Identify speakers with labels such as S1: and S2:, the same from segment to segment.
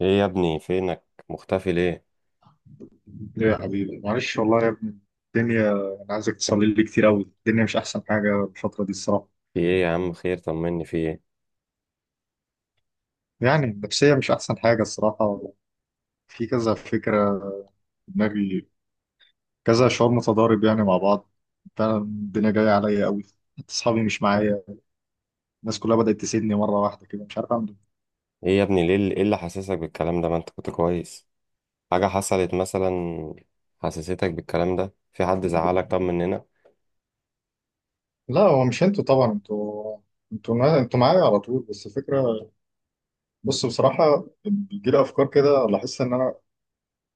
S1: ايه يا ابني؟ فينك؟ مختفي ليه؟
S2: ليه يا حبيبي، معلش والله يا ابني. الدنيا، انا عايزك تصلي لي كتير قوي. الدنيا مش احسن حاجه الفتره دي الصراحه.
S1: في ايه يا عم؟ خير، طمني، في ايه؟
S2: يعني النفسيه مش احسن حاجه الصراحه. في كذا فكره في دماغي، كذا شعور متضارب يعني مع بعض. فعلا الدنيا جايه عليا قوي، حتى اصحابي مش معايا. الناس كلها بدات تسيبني مره واحده كده، مش عارف اعمل إيه.
S1: ايه يا ابني، ليه ايه اللي حاسسك بالكلام ده؟ ما انت كنت كويس. حاجة حصلت مثلا؟ حسستك بالكلام ده؟ في حد زعلك؟ طب مننا؟
S2: لا، هو مش انتوا طبعا، انتوا انتوا معايا على طول، بس الفكره. بص، بصراحه بيجي لي افكار كده. لاحظت ان انا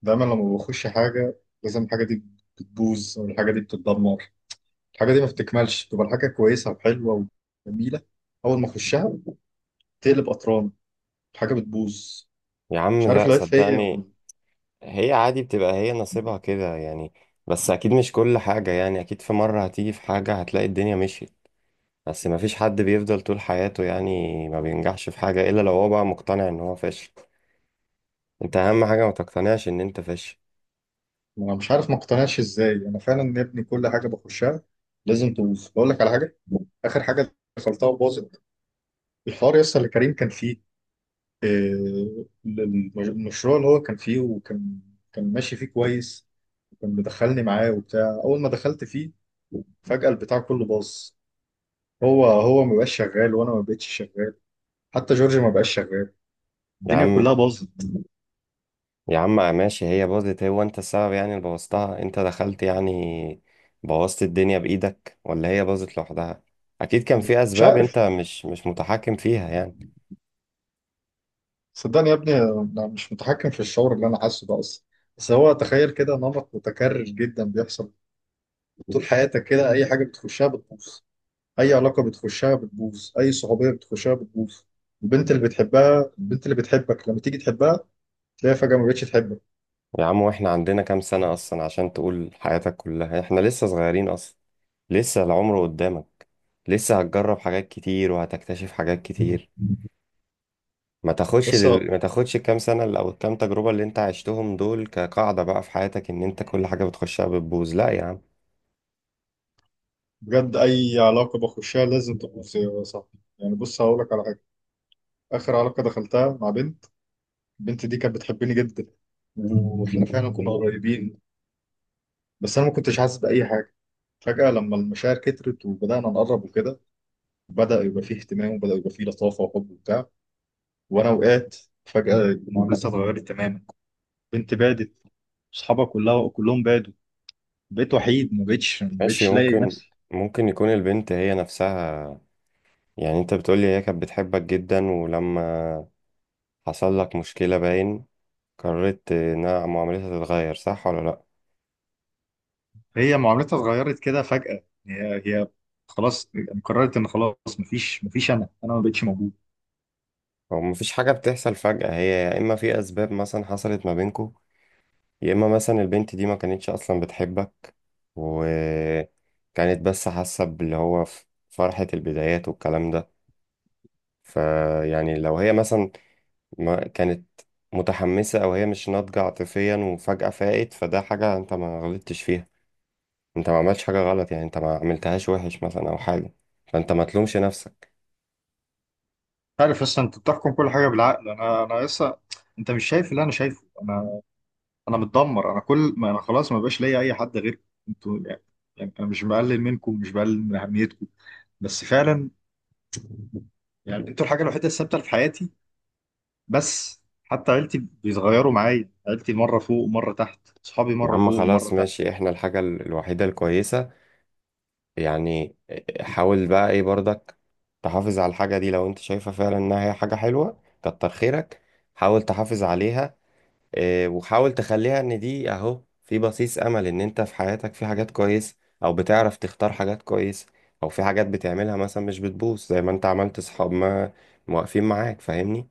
S2: دايما لما بخش حاجه، لازم الحاجه دي بتبوظ، والحاجه دي بتتدمر، الحاجة دي ما بتكملش. تبقى الحاجة كويسة وحلوة وجميلة، أول ما أخشها تقلب قطران، الحاجة بتبوظ.
S1: يا عم
S2: مش عارف
S1: لا،
S2: العيب فيا ولا.
S1: صدقني. هي عادي، بتبقى هي نصيبها كده يعني. بس اكيد مش كل حاجة يعني، اكيد في مرة هتيجي في حاجة هتلاقي الدنيا مشيت. بس ما فيش حد بيفضل طول حياته يعني، ما بينجحش في حاجة الا لو هو بقى مقتنع ان هو فاشل. انت اهم حاجة ما تقتنعش ان انت فاشل.
S2: أنا مش عارف ما اقتنعش إزاي. أنا فعلا يا ابني كل حاجة بخشها لازم تبوظ. بقول لك على حاجة، آخر حاجة دخلتها وباظت، الحوار يسطا اللي كريم كان فيه. المشروع اللي هو كان فيه، وكان كان ماشي فيه كويس. وكان مدخلني معاه وبتاع، أول ما دخلت فيه فجأة البتاع كله باظ. هو هو ما بقاش شغال، وأنا ما بقتش شغال، حتى جورج ما بقاش شغال،
S1: يا
S2: الدنيا
S1: عم
S2: كلها باظت.
S1: يا عم ماشي، هي باظت، هو انت السبب يعني؟ اللي بوظتها انت دخلت يعني؟ بوظت الدنيا بإيدك ولا هي باظت لوحدها؟ اكيد كان في
S2: مش
S1: اسباب
S2: عارف،
S1: انت مش متحكم فيها يعني.
S2: صدقني يا ابني انا مش متحكم في الشعور اللي انا حاسه ده اصلا. بس هو تخيل كده، نمط متكرر جدا بيحصل. طول حياتك كده اي حاجه بتخشها بتبوظ، اي علاقه بتخشها بتبوظ، اي صحوبيه بتخشها بتبوظ. البنت اللي بتحبها، البنت اللي بتحبك لما تيجي تحبها، تلاقيها فجاه ما بقتش تحبك.
S1: يا عم واحنا عندنا كام سنة اصلا عشان تقول حياتك كلها؟ احنا لسه صغيرين اصلا، لسه العمر قدامك، لسه هتجرب حاجات كتير وهتكتشف حاجات كتير. ما تاخدش
S2: بس
S1: ما تاخدش الكام سنة او الكام تجربة اللي انت عشتهم دول كقاعدة بقى في حياتك ان انت كل حاجة بتخشها بتبوظ. لا يا عم.
S2: بجد اي علاقه بخشها لازم تبوظ يا صاحبي. يعني بص هقول لك على حاجه، اخر علاقه دخلتها مع بنت. البنت دي كانت بتحبني جدا، واحنا فعلا كنا قريبين، بس انا ما كنتش حاسس باي حاجه. فجاه لما المشاعر كترت وبدانا نقرب وكده، بدا يبقى فيه اهتمام، وبدا يبقى فيه لطافه وحب وبتاع، وانا وقعت. فجاه المعامله اتغيرت تماما، بنت بعدت، اصحابها كلها كلهم بعدوا، بقيت وحيد. ما بقتش ما
S1: ماشي،
S2: بقتش لاقي
S1: ممكن.
S2: نفسي.
S1: ممكن يكون البنت هي نفسها، يعني انت بتقولي هي كانت بتحبك جدا، ولما حصل لك مشكلة باين قررت انها معاملتها تتغير، صح ولا لا؟
S2: هي معاملتها اتغيرت كده فجاه. هي خلاص، قررت ان خلاص مفيش. انا ما بقتش موجود.
S1: هو مفيش حاجة بتحصل فجأة، هي يا اما في اسباب مثلا حصلت ما بينكو، يا اما مثلا البنت دي ما كانتش اصلا بتحبك، وكانت بس حاسة باللي هو فرحة البدايات والكلام ده. فيعني لو هي مثلا ما كانت متحمسة أو هي مش ناضجة عاطفيا وفجأة فاقت، فده حاجة أنت ما غلطتش فيها. أنت ما عملتش حاجة غلط يعني، أنت ما عملتهاش وحش مثلا أو حاجة. فأنت ما تلومش نفسك.
S2: عارف لسه انت بتحكم كل حاجه بالعقل، انا لسه. انت مش شايف اللي انا شايفه. انا انا متدمر، انا كل ما انا خلاص ما بقاش ليا اي حد غيركم، انتوا يعني، يعني انا مش بقلل منكم، مش بقلل من اهميتكم. بس فعلا يعني انتوا الحاجه الوحيده الثابته اللي في حياتي. بس حتى عيلتي بيتغيروا معايا، عيلتي مره فوق ومره تحت، اصحابي
S1: يا
S2: مره
S1: عم
S2: فوق ومره
S1: خلاص
S2: تحت.
S1: ماشي، إحنا الحاجة الوحيدة الكويسة يعني. حاول بقى إيه برضك، تحافظ على الحاجة دي لو أنت شايفة فعلا إنها هي حاجة حلوة. كتر خيرك، حاول تحافظ عليها. وحاول تخليها ان دي اهو في بصيص امل ان انت في حياتك في حاجات كويسة، او بتعرف تختار حاجات كويسة، او في حاجات بتعملها مثلا مش بتبوظ زي ما انت عملت صحاب ما واقفين معاك، فاهمني؟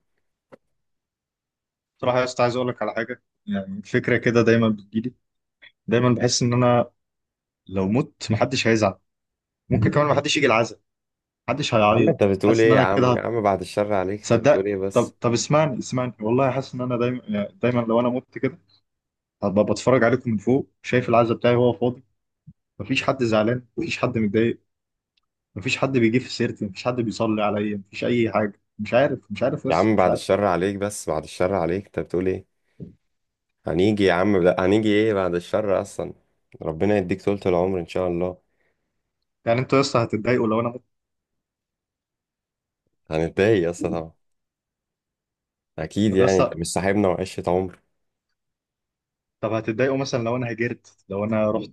S2: بصراحه يا اسطى عايز اقول لك على حاجه، يعني فكره كده دايما بتجيلي. دايما بحس ان انا لو مت محدش هيزعل. ممكن كمان محدش يجي العزاء، محدش
S1: يا عم انت
S2: هيعيط. انا
S1: بتقول
S2: حاسس ان
S1: ايه؟ يا
S2: انا
S1: عم يا
S2: كده.
S1: عم بعد الشر عليك، انت بتقول
S2: صدق،
S1: ايه
S2: طب
S1: بس؟
S2: طب اسمعني، والله حاسس ان انا دايما، يعني دايما لو انا مت كده هبقى بتفرج عليكم من فوق، شايف العزا بتاعي وهو فاضي. مفيش حد زعلان، مفيش حد متضايق، مفيش حد بيجي في سيرتي، مفيش حد بيصلي عليا، مفيش اي حاجه. مش عارف، مش عارف،
S1: يا
S2: لسه
S1: عم
S2: مش
S1: بعد
S2: عارف.
S1: الشر عليك، بس بعد الشر عليك، انت بتقول ايه؟ هنيجي يا عم، لا، هنيجي ايه بعد الشر اصلا، ربنا يديك طولة العمر ان شاء الله.
S2: يعني انتوا لسه هتتضايقوا لو انا مت؟
S1: هنتضايق يا اسطى طبعا، اكيد
S2: طب
S1: يعني، انت
S2: لسه،
S1: مش صاحبنا وعشرة عمر؟
S2: طب هتتضايقوا مثلا لو انا هاجرت، لو انا رحت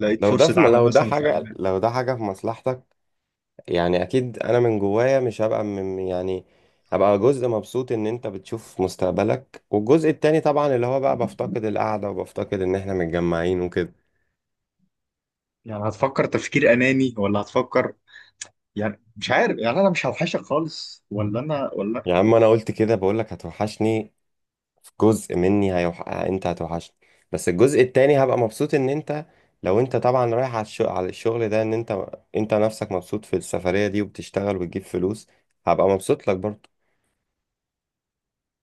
S2: لقيت
S1: لو ده
S2: فرصه
S1: في،
S2: عمل
S1: لو ده
S2: مثلا في
S1: حاجة،
S2: المانيا؟
S1: لو ده حاجة في مصلحتك، يعني أكيد أنا من جوايا مش هبقى من يعني، هبقى جزء مبسوط إن أنت بتشوف مستقبلك، والجزء التاني طبعا اللي هو بقى بفتقد القعدة وبفتقد إن إحنا متجمعين وكده.
S2: يعني هتفكر تفكير اناني ولا هتفكر، يعني مش عارف، يعني انا مش هوحشك خالص ولا انا
S1: يا
S2: ولا...
S1: عم أنا قلت كده، بقولك هتوحشني. في جزء مني أنت هتوحشني، بس الجزء التاني هبقى مبسوط إن أنت، لو أنت طبعا رايح على الشغل، على الشغل ده، إن أنت، أنت نفسك مبسوط في السفرية دي وبتشتغل وبتجيب فلوس، هبقى مبسوط لك برضه.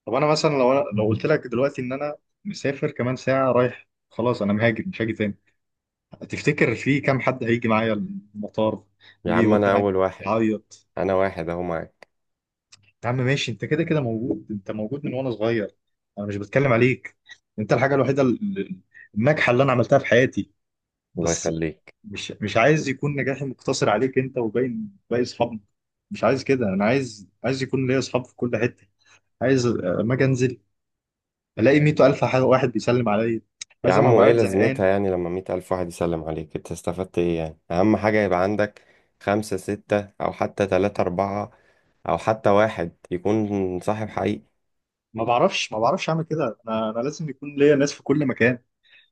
S2: طب انا مثلا، لو أنا لو قلت لك دلوقتي ان انا مسافر كمان ساعه، رايح خلاص، انا مهاجر مش هاجي تاني، تفتكر في كام حد هيجي معايا المطار
S1: يا
S2: يجي
S1: عم أنا
S2: يودعني
S1: أول واحد،
S2: يعيط؟
S1: انا واحد اهو معاك.
S2: يا عم ماشي، انت كده كده موجود، انت موجود من وانا صغير، انا مش بتكلم عليك. انت الحاجه الوحيده الناجحه اللي انا عملتها في حياتي.
S1: الله
S2: بس
S1: يخليك.
S2: مش مش عايز يكون نجاحي مقتصر عليك انت وباين باقي اصحابنا. مش عايز كده، انا عايز، عايز يكون ليا اصحاب في كل حته. عايز اما اجي انزل الاقي 100,000 واحد بيسلم عليا.
S1: يا
S2: عايز ما
S1: عم وايه
S2: بقعد
S1: لازمتها
S2: زهقان.
S1: يعني لما 100,000 واحد يسلم عليك؟ انت استفدت ايه يعني؟ اهم حاجة يبقى عندك خمسة ستة او حتى تلاتة اربعة، او حتى واحد يكون صاحب حقيقي.
S2: ما بعرفش اعمل كده. انا انا لازم يكون ليا ناس في كل مكان.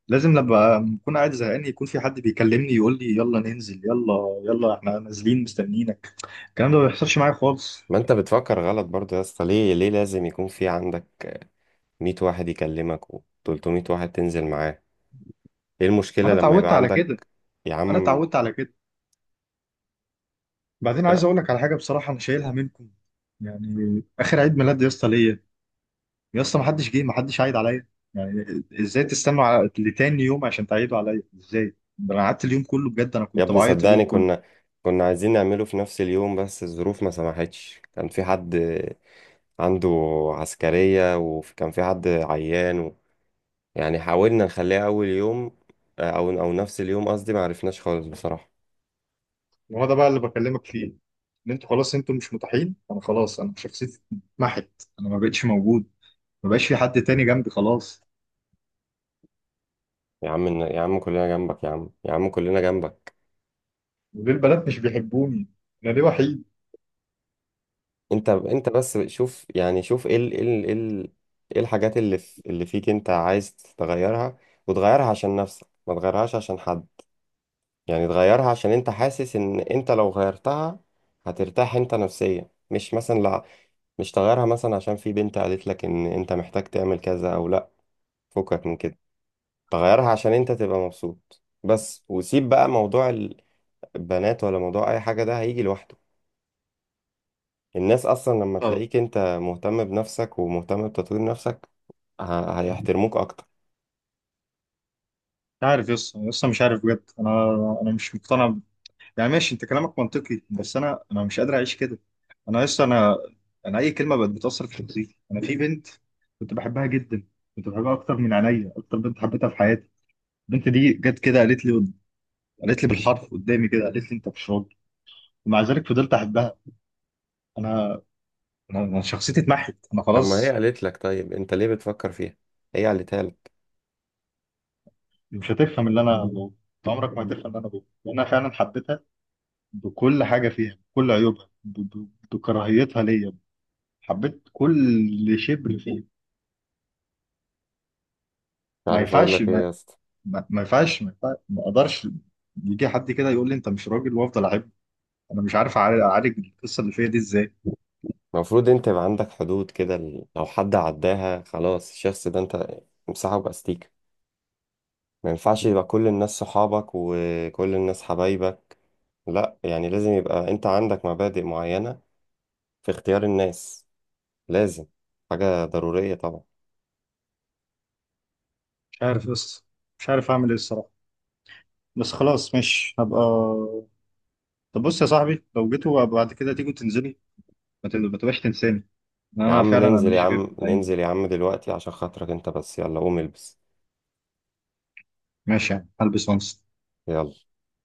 S2: لازم لما اكون قاعد زهقان يكون في حد بيكلمني يقول لي يلا ننزل، يلا يلا احنا نازلين مستنيينك. الكلام ده ما بيحصلش معايا خالص.
S1: ما انت بتفكر غلط برضو يا اسطى، ليه ليه لازم يكون في عندك 100 واحد يكلمك و 300 واحد تنزل معاه؟ ايه
S2: ما
S1: المشكلة
S2: انا
S1: لما
S2: اتعودت
S1: يبقى
S2: على كده،
S1: عندك؟ يا
S2: انا
S1: عم
S2: اتعودت على كده. بعدين
S1: لا.
S2: عايز اقول لك على حاجه بصراحه، انا شايلها منكم. يعني اخر عيد ميلاد يا اسطى ليا، يا اسطى ما حدش جه، ما حدش عايد عليا. يعني ازاي تستنوا على لتاني يوم عشان تعيدوا عليا؟ ازاي؟ ده انا قعدت اليوم كله، بجد انا
S1: يا
S2: كنت
S1: ابني
S2: بعيط اليوم
S1: صدقني
S2: كله.
S1: كنا، كنا عايزين نعمله في نفس اليوم بس الظروف ما سمحتش، كان في حد عنده عسكرية وكان في حد عيان يعني حاولنا نخليها أول يوم، أو نفس اليوم قصدي، ما عرفناش خالص بصراحة.
S2: ما هو ده بقى اللي بكلمك فيه، ان انتوا خلاص انتوا مش متاحين. انا خلاص، انا شخصيتي اتمحت، انا ما بقتش موجود، ما بقاش في حد تاني جنبي خلاص.
S1: يا عم يا عم كلنا جنبك، يا عم يا عم كلنا جنبك.
S2: وليه البنات مش بيحبوني؟ انا ليه وحيد؟
S1: أنت أنت بس شوف يعني، شوف إيه الحاجات اللي فيك أنت عايز تغيرها، وتغيرها عشان نفسك، ما تغيرهاش عشان حد. يعني تغيرها عشان انت حاسس ان انت لو غيرتها هترتاح انت نفسيا، مش مثلا لا، مش تغيرها مثلا عشان في بنت قالت لك ان انت محتاج تعمل كذا او لا. فكك من كده، تغيرها عشان انت تبقى مبسوط بس، وسيب بقى موضوع البنات ولا موضوع اي حاجة، ده هيجي لوحده. الناس اصلا لما
S2: اه،
S1: تلاقيك انت مهتم بنفسك ومهتم بتطوير نفسك هيحترموك اكتر.
S2: مش عارف يا اسطى، يا اسطى مش عارف بجد. انا انا مش مقتنع. يعني ماشي انت كلامك منطقي، بس انا انا مش قادر اعيش كده. انا لسه انا، انا اي كلمه بقت بتاثر في شخصيتي. انا في بنت كنت بحبها جدا، كنت بحبها اكتر من عينيا، اكتر بنت حبيتها في حياتي. البنت دي جت كده قالت لي، قالت لي بالحرف قدامي كده، قالت لي انت مش راجل. ومع ذلك فضلت احبها. انا انا أنا شخصيتي اتمحت، انا
S1: طب ما هي
S2: خلاص.
S1: قالت لك، طيب انت ليه بتفكر فيها؟ هي قالتها لك.
S2: مش هتفهم اللي انا بقوله، انت عمرك ما هتفهم اللي انا بقوله، لان انا فعلا حبيتها بكل حاجه فيها، بكل عيوبها، بكراهيتها ليا، حبيت كل شبر فيها.
S1: مش
S2: ما
S1: عارف اقول
S2: ينفعش،
S1: لك ايه
S2: ما
S1: يا اسطى.
S2: ما ينفعش ما ينفعش، ما اقدرش يجي حد كده يقول لي انت مش راجل وافضل اعب. انا مش عارف أعالج القصه اللي فيا دي ازاي.
S1: المفروض انت يبقى عندك حدود كده، لو حد عداها خلاص الشخص ده انت امسحه باستيكة. ما ينفعش يبقى كل الناس صحابك وكل الناس حبايبك، لا، يعني لازم يبقى انت عندك مبادئ معينة في اختيار الناس، لازم، حاجة ضرورية طبعا.
S2: مش عارف، بس مش عارف اعمل ايه الصراحه. بس خلاص مش هبقى. طب بص يا صاحبي، لو جيتوا بعد كده تيجوا تنزلي، ما تبقاش تنساني. إن
S1: يا
S2: انا
S1: عم
S2: فعلا انا
S1: ننزل يا
S2: ماليش غير
S1: عم،
S2: في الايام دي.
S1: ننزل يا عم دلوقتي عشان خاطرك انت بس، يلا قوم البس.
S2: ماشي يعني، هلبس وانس.
S1: يلا